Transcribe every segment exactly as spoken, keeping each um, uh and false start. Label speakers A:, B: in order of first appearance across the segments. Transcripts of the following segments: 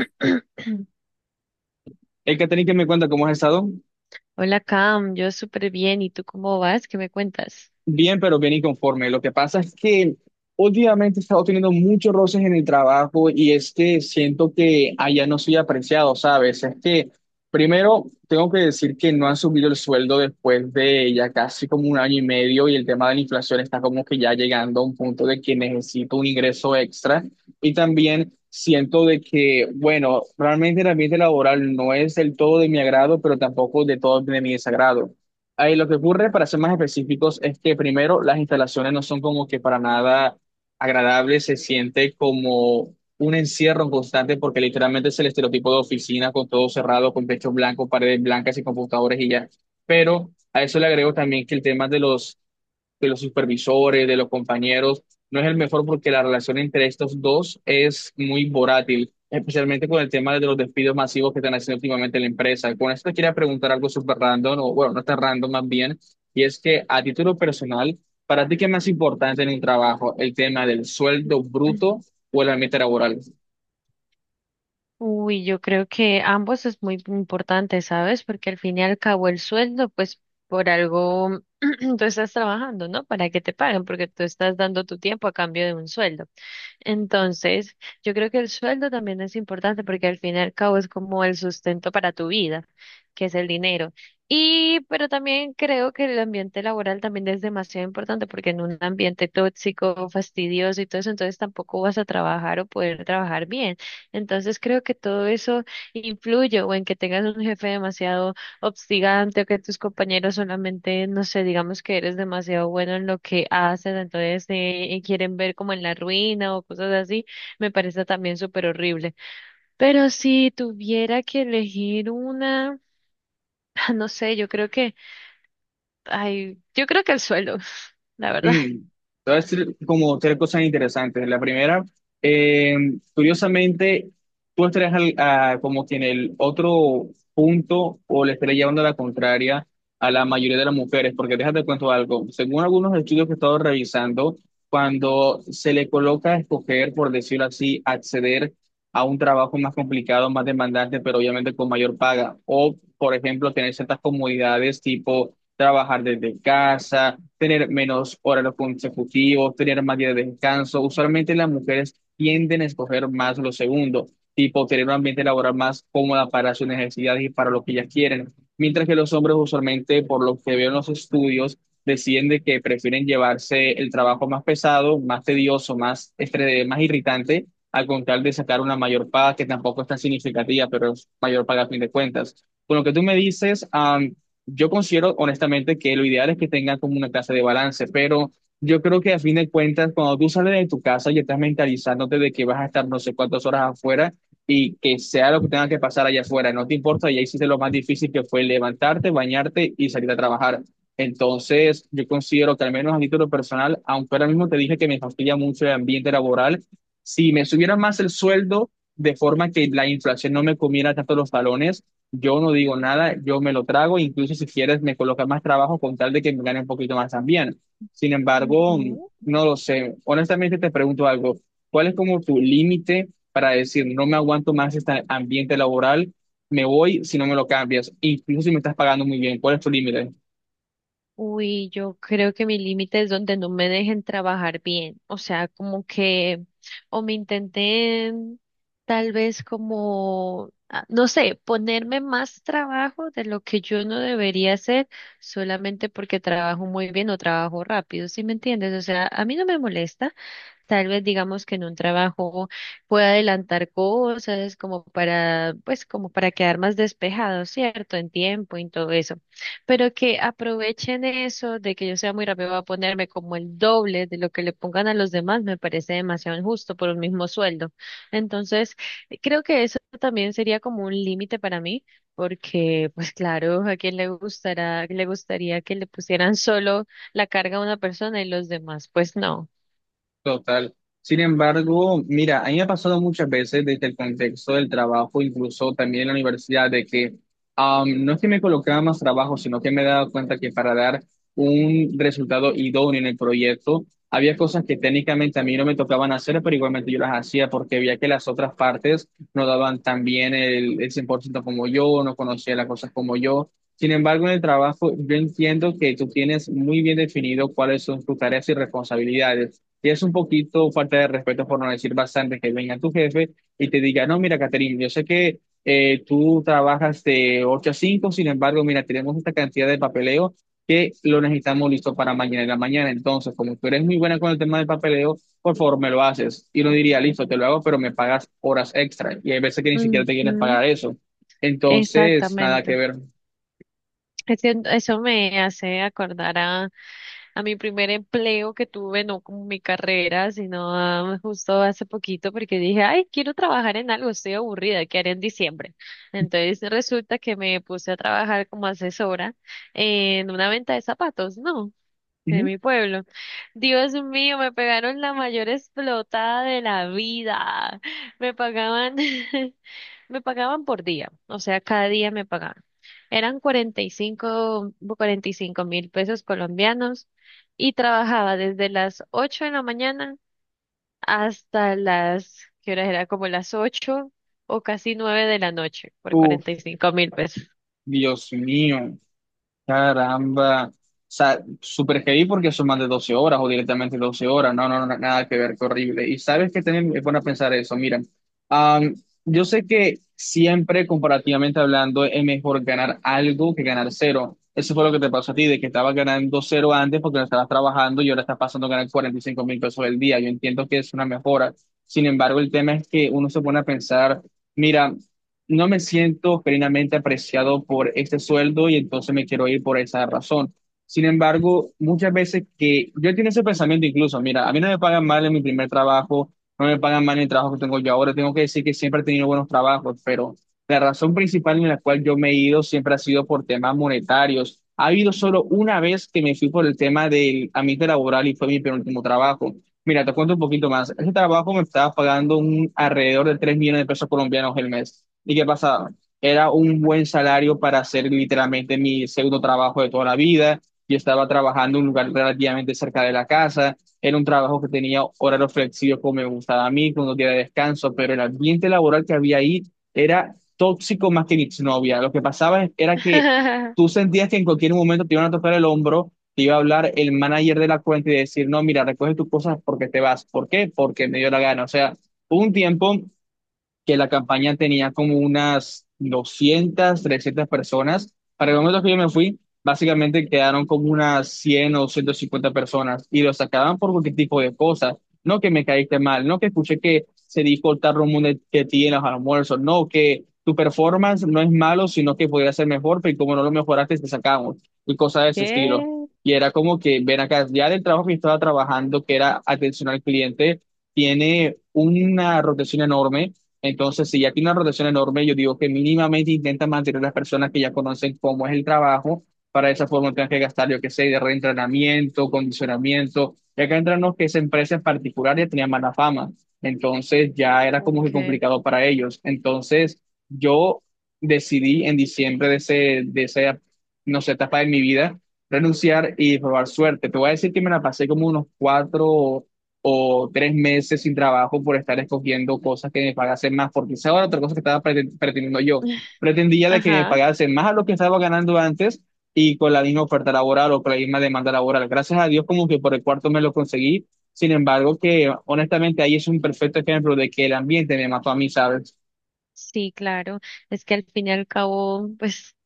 A: El Catherine que me cuenta cómo has estado,
B: Hola Cam, yo súper bien. ¿Y tú cómo vas? ¿Qué me cuentas?
A: bien, pero bien inconforme. Lo que pasa es que últimamente he estado teniendo muchos roces en el trabajo y es que siento que allá no soy apreciado, ¿sabes? Es que primero tengo que decir que no han subido el sueldo después de ya casi como un año y medio y el tema de la inflación está como que ya llegando a un punto de que necesito un ingreso extra y también... Siento de que, bueno, realmente el ambiente laboral no es del todo de mi agrado, pero tampoco de todo de mi desagrado. Ahí lo que ocurre, para ser más específicos, es que primero las instalaciones no son como que para nada agradables, se siente como un encierro constante porque literalmente es el estereotipo de oficina con todo cerrado, con techos blancos, paredes blancas y computadores y ya. Pero a eso le agrego también que el tema de los de los supervisores, de los compañeros, no es el mejor porque la relación entre estos dos es muy volátil, especialmente con el tema de los despidos masivos que están haciendo últimamente la empresa. Con esto te quería preguntar algo súper random, o bueno, no está random más bien, y es que a título personal, ¿para ti qué es más importante en un trabajo? ¿El tema del sueldo bruto o el ambiente laboral?
B: Uy, yo creo que ambos es muy importante, ¿sabes? Porque al fin y al cabo el sueldo, pues por algo tú estás trabajando, ¿no? Para que te paguen, porque tú estás dando tu tiempo a cambio de un sueldo. Entonces, yo creo que el sueldo también es importante porque al fin y al cabo es como el sustento para tu vida, que es el dinero. Y, pero también creo que el ambiente laboral también es demasiado importante porque en un ambiente tóxico, fastidioso y todo eso, entonces tampoco vas a trabajar o poder trabajar bien. Entonces, creo que todo eso influye o en que tengas un jefe demasiado obstigante o que tus compañeros solamente, no sé, digamos que eres demasiado bueno en lo que haces, entonces eh, quieren ver como en la ruina o cosas así, me parece también súper horrible. Pero si tuviera que elegir una, no sé, yo creo que, ay, yo creo que el suelo, la verdad.
A: Mm, te voy a decir como tres cosas interesantes. La primera, eh, curiosamente, tú estarías al- a- como que en el otro punto o le estarías llevando la contraria a la mayoría de las mujeres, porque déjate cuento algo. Según algunos estudios que he estado revisando, cuando se le coloca a escoger, por decirlo así, acceder a un trabajo más complicado, más demandante, pero obviamente con mayor paga, o por ejemplo, tener ciertas comodidades tipo trabajar desde casa, tener menos horarios consecutivos, tener más días de descanso. Usualmente las mujeres tienden a escoger más lo segundo, tipo tener un ambiente laboral más cómodo para sus necesidades y para lo que ellas quieren. Mientras que los hombres usualmente, por lo que veo en los estudios, deciden de que prefieren llevarse el trabajo más pesado, más tedioso, más estrés, más irritante, al contar de sacar una mayor paga que tampoco es tan significativa, pero es mayor paga a fin de cuentas. Con lo que tú me dices, ah, yo considero honestamente que lo ideal es que tengan como una clase de balance, pero yo creo que a fin de cuentas, cuando tú sales de tu casa y estás mentalizándote de que vas a estar no sé cuántas horas afuera y que sea lo que tenga que pasar allá afuera, no te importa, ya hiciste lo más difícil que fue levantarte, bañarte y salir a trabajar. Entonces, yo considero que al menos a título personal, aunque ahora mismo te dije que me fastidia mucho el ambiente laboral, si me subiera más el sueldo de forma que la inflación no me comiera tanto los talones, yo no digo nada, yo me lo trago, incluso si quieres me colocas más trabajo con tal de que me gane un poquito más también. Sin embargo,
B: Ujú.
A: no lo sé. Honestamente te pregunto algo, ¿cuál es como tu límite para decir no me aguanto más este ambiente laboral, me voy si no me lo cambias, incluso si me estás pagando muy bien? ¿Cuál es tu límite?
B: Uy, yo creo que mi límite es donde no me dejen trabajar bien, o sea, como que, o me intenten tal vez como, ah, no sé, ponerme más trabajo de lo que yo no debería hacer solamente porque trabajo muy bien o trabajo rápido, ¿sí me entiendes? O sea, a mí no me molesta. Tal vez digamos que en un trabajo pueda adelantar cosas como para, pues como para quedar más despejado, ¿cierto? En tiempo, y en todo eso. Pero que aprovechen eso de que yo sea muy rápido, voy a ponerme como el doble de lo que le pongan a los demás, me parece demasiado injusto por un mismo sueldo. Entonces, creo que eso también sería como un límite para mí, porque pues claro, a quién le gustará, le gustaría que le pusieran solo la carga a una persona y los demás, pues no.
A: Total. Sin embargo, mira, a mí me ha pasado muchas veces desde el contexto del trabajo, incluso también en la universidad, de que am, no es que me colocaba más trabajo, sino que me he dado cuenta que para dar un resultado idóneo en el proyecto, había cosas que técnicamente a mí no me tocaban hacer, pero igualmente yo las hacía porque veía que las otras partes no daban tan bien el, el cien por ciento como yo, no conocía las cosas como yo. Sin embargo, en el trabajo, yo entiendo que tú tienes muy bien definido cuáles son tus tareas y responsabilidades. Y es un poquito falta de respeto, por no decir bastante, que venga tu jefe y te diga, no, mira, Caterine, yo sé que eh, tú trabajas de ocho a cinco, sin embargo, mira, tenemos esta cantidad de papeleo que lo necesitamos listo para mañana en la mañana. Entonces, como tú eres muy buena con el tema del papeleo, por favor, me lo haces. Y no diría, listo, te lo hago, pero me pagas horas extra. Y hay veces que ni siquiera te quieren
B: Ujú.
A: pagar eso. Entonces, nada que
B: Exactamente.
A: ver.
B: Es que eso me hace acordar a, a, mi primer empleo que tuve, no con mi carrera, sino ah, justo hace poquito, porque dije, ay, quiero trabajar en algo, estoy aburrida, ¿qué haré en diciembre? Entonces resulta que me puse a trabajar como asesora en una venta de zapatos, ¿no? En
A: Ujú.
B: mi pueblo. Dios mío, me pegaron la mayor explotada de la vida. Me pagaban me pagaban por día, o sea, cada día me pagaban. Eran cuarenta cuarenta y cinco cuarenta y cinco mil pesos colombianos y trabajaba desde las ocho de la mañana hasta las, ¿qué horas era? Como las ocho o casi nueve de la noche por
A: Uf,
B: cuarenta y cinco mil pesos.
A: Dios mío. Caramba. O sea, súper heavy porque son más de doce horas o directamente doce horas. No, no, no, nada que ver, qué horrible. Y sabes que también es bueno pensar eso. Mira, am, yo sé que siempre, comparativamente hablando, es mejor ganar algo que ganar cero. Eso fue lo que te pasó a ti, de que estabas ganando cero antes porque no estabas trabajando y ahora estás pasando a ganar cuarenta y cinco mil pesos al día. Yo entiendo que es una mejora. Sin embargo, el tema es que uno se pone a pensar. Mira, no me siento plenamente apreciado por este sueldo y entonces me quiero ir por esa razón. Sin embargo, muchas veces que yo tengo ese pensamiento incluso, mira, a mí no me pagan mal en mi primer trabajo, no me pagan mal en el trabajo que tengo yo ahora, tengo que decir que siempre he tenido buenos trabajos, pero la razón principal en la cual yo me he ido siempre ha sido por temas monetarios. Ha habido solo una vez que me fui por el tema del ambiente laboral y fue mi penúltimo trabajo. Mira, te cuento un poquito más. Ese trabajo me estaba pagando un alrededor de tres millones de pesos colombianos el mes. ¿Y qué pasaba? Era un buen salario para hacer literalmente mi segundo trabajo de toda la vida. Yo estaba trabajando en un lugar relativamente cerca de la casa. Era un trabajo que tenía horarios flexibles como me gustaba a mí, con un día de descanso, pero el ambiente laboral que había ahí era tóxico más que mi novia. Lo que pasaba era que tú sentías que en cualquier momento te iban a tocar el hombro, te iba a hablar el manager de la cuenta y decir, no, mira, recoge tus cosas porque te vas. ¿Por qué? Porque me dio la gana. O sea, hubo un tiempo que la campaña tenía como unas doscientas, trescientas personas. Para el momento que yo me fui, básicamente quedaron como unas cien o ciento cincuenta personas y los sacaban por cualquier tipo de cosas. No que me caíste mal, no que escuché que se dijo el tarro mundo que tienes al almuerzo, no que tu performance no es malo, sino que podría ser mejor, pero como no lo mejoraste, te sacamos y cosas de ese estilo.
B: ¿Qué?
A: Y era como que, ven acá, ya del trabajo que estaba trabajando, que era atención al cliente, tiene una rotación enorme, entonces, si ya tiene una rotación enorme, yo digo que mínimamente intenta mantener a las personas que ya conocen cómo es el trabajo, para de esa forma tengan que gastar, yo qué sé, de reentrenamiento, condicionamiento. Ya que entramos que esa empresa en particular ya tenía mala fama, entonces ya era como que
B: ¿Qué?
A: complicado para ellos. Entonces, yo decidí en diciembre de, ese, de esa, no sé, etapa de mi vida, renunciar y probar suerte. Te voy a decir que me la pasé como unos cuatro o tres meses sin trabajo por estar escogiendo cosas que me pagasen más, porque esa era otra cosa que estaba preten- pretendiendo yo. Pretendía de que me
B: Ajá.
A: pagasen más a lo que estaba ganando antes y con la misma oferta laboral o con la misma demanda laboral. Gracias a Dios como que por el cuarto me lo conseguí. Sin embargo, que honestamente ahí es un perfecto ejemplo de que el ambiente me mató a mí, ¿sabes?
B: Sí, claro. Es que al fin y al cabo, pues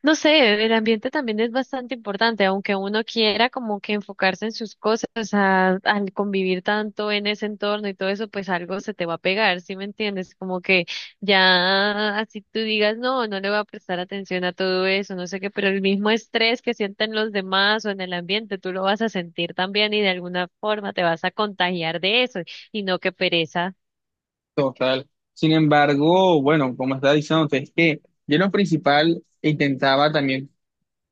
B: no sé, el ambiente también es bastante importante, aunque uno quiera como que enfocarse en sus cosas, a- al convivir tanto en ese entorno y todo eso, pues algo se te va a pegar, ¿sí me entiendes? Como que ya así tú digas, no, no le voy a prestar atención a todo eso, no sé qué, pero el mismo estrés que sienten los demás o en el ambiente, tú lo vas a sentir también y de alguna forma te vas a contagiar de eso y no que pereza.
A: Total. Sin embargo, bueno, como estaba diciendo, es que yo en lo principal intentaba también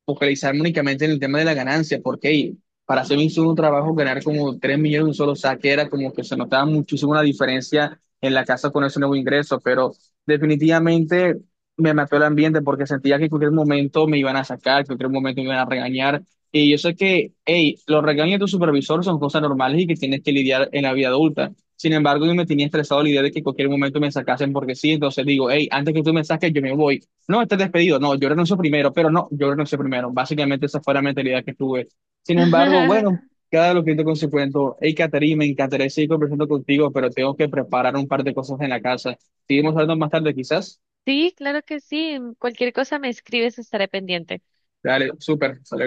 A: focalizarme únicamente en el tema de la ganancia, porque hey, para hacer un solo trabajo, ganar como tres millones en un solo saque era como que se notaba muchísimo la diferencia en la casa con ese nuevo ingreso, pero definitivamente me mató el ambiente porque sentía que en cualquier momento me iban a sacar, que en cualquier momento me iban a regañar. Y yo sé que, hey, los regaños de tu supervisor son cosas normales y que tienes que lidiar en la vida adulta. Sin embargo, yo me tenía estresado la idea de que en cualquier momento me sacasen porque sí, entonces digo, hey, antes que tú me saques, yo me voy. No, estás despedido. No, yo renuncio primero, pero no, yo renuncio primero. Básicamente esa fue la mentalidad que tuve. Sin embargo, bueno, cada lo que te consecuento, hey, Caterina, me encantaría seguir conversando contigo, pero tengo que preparar un par de cosas en la casa. Seguimos hablando más tarde, quizás.
B: Sí, claro que sí, cualquier cosa me escribes, estaré pendiente.
A: Dale, súper.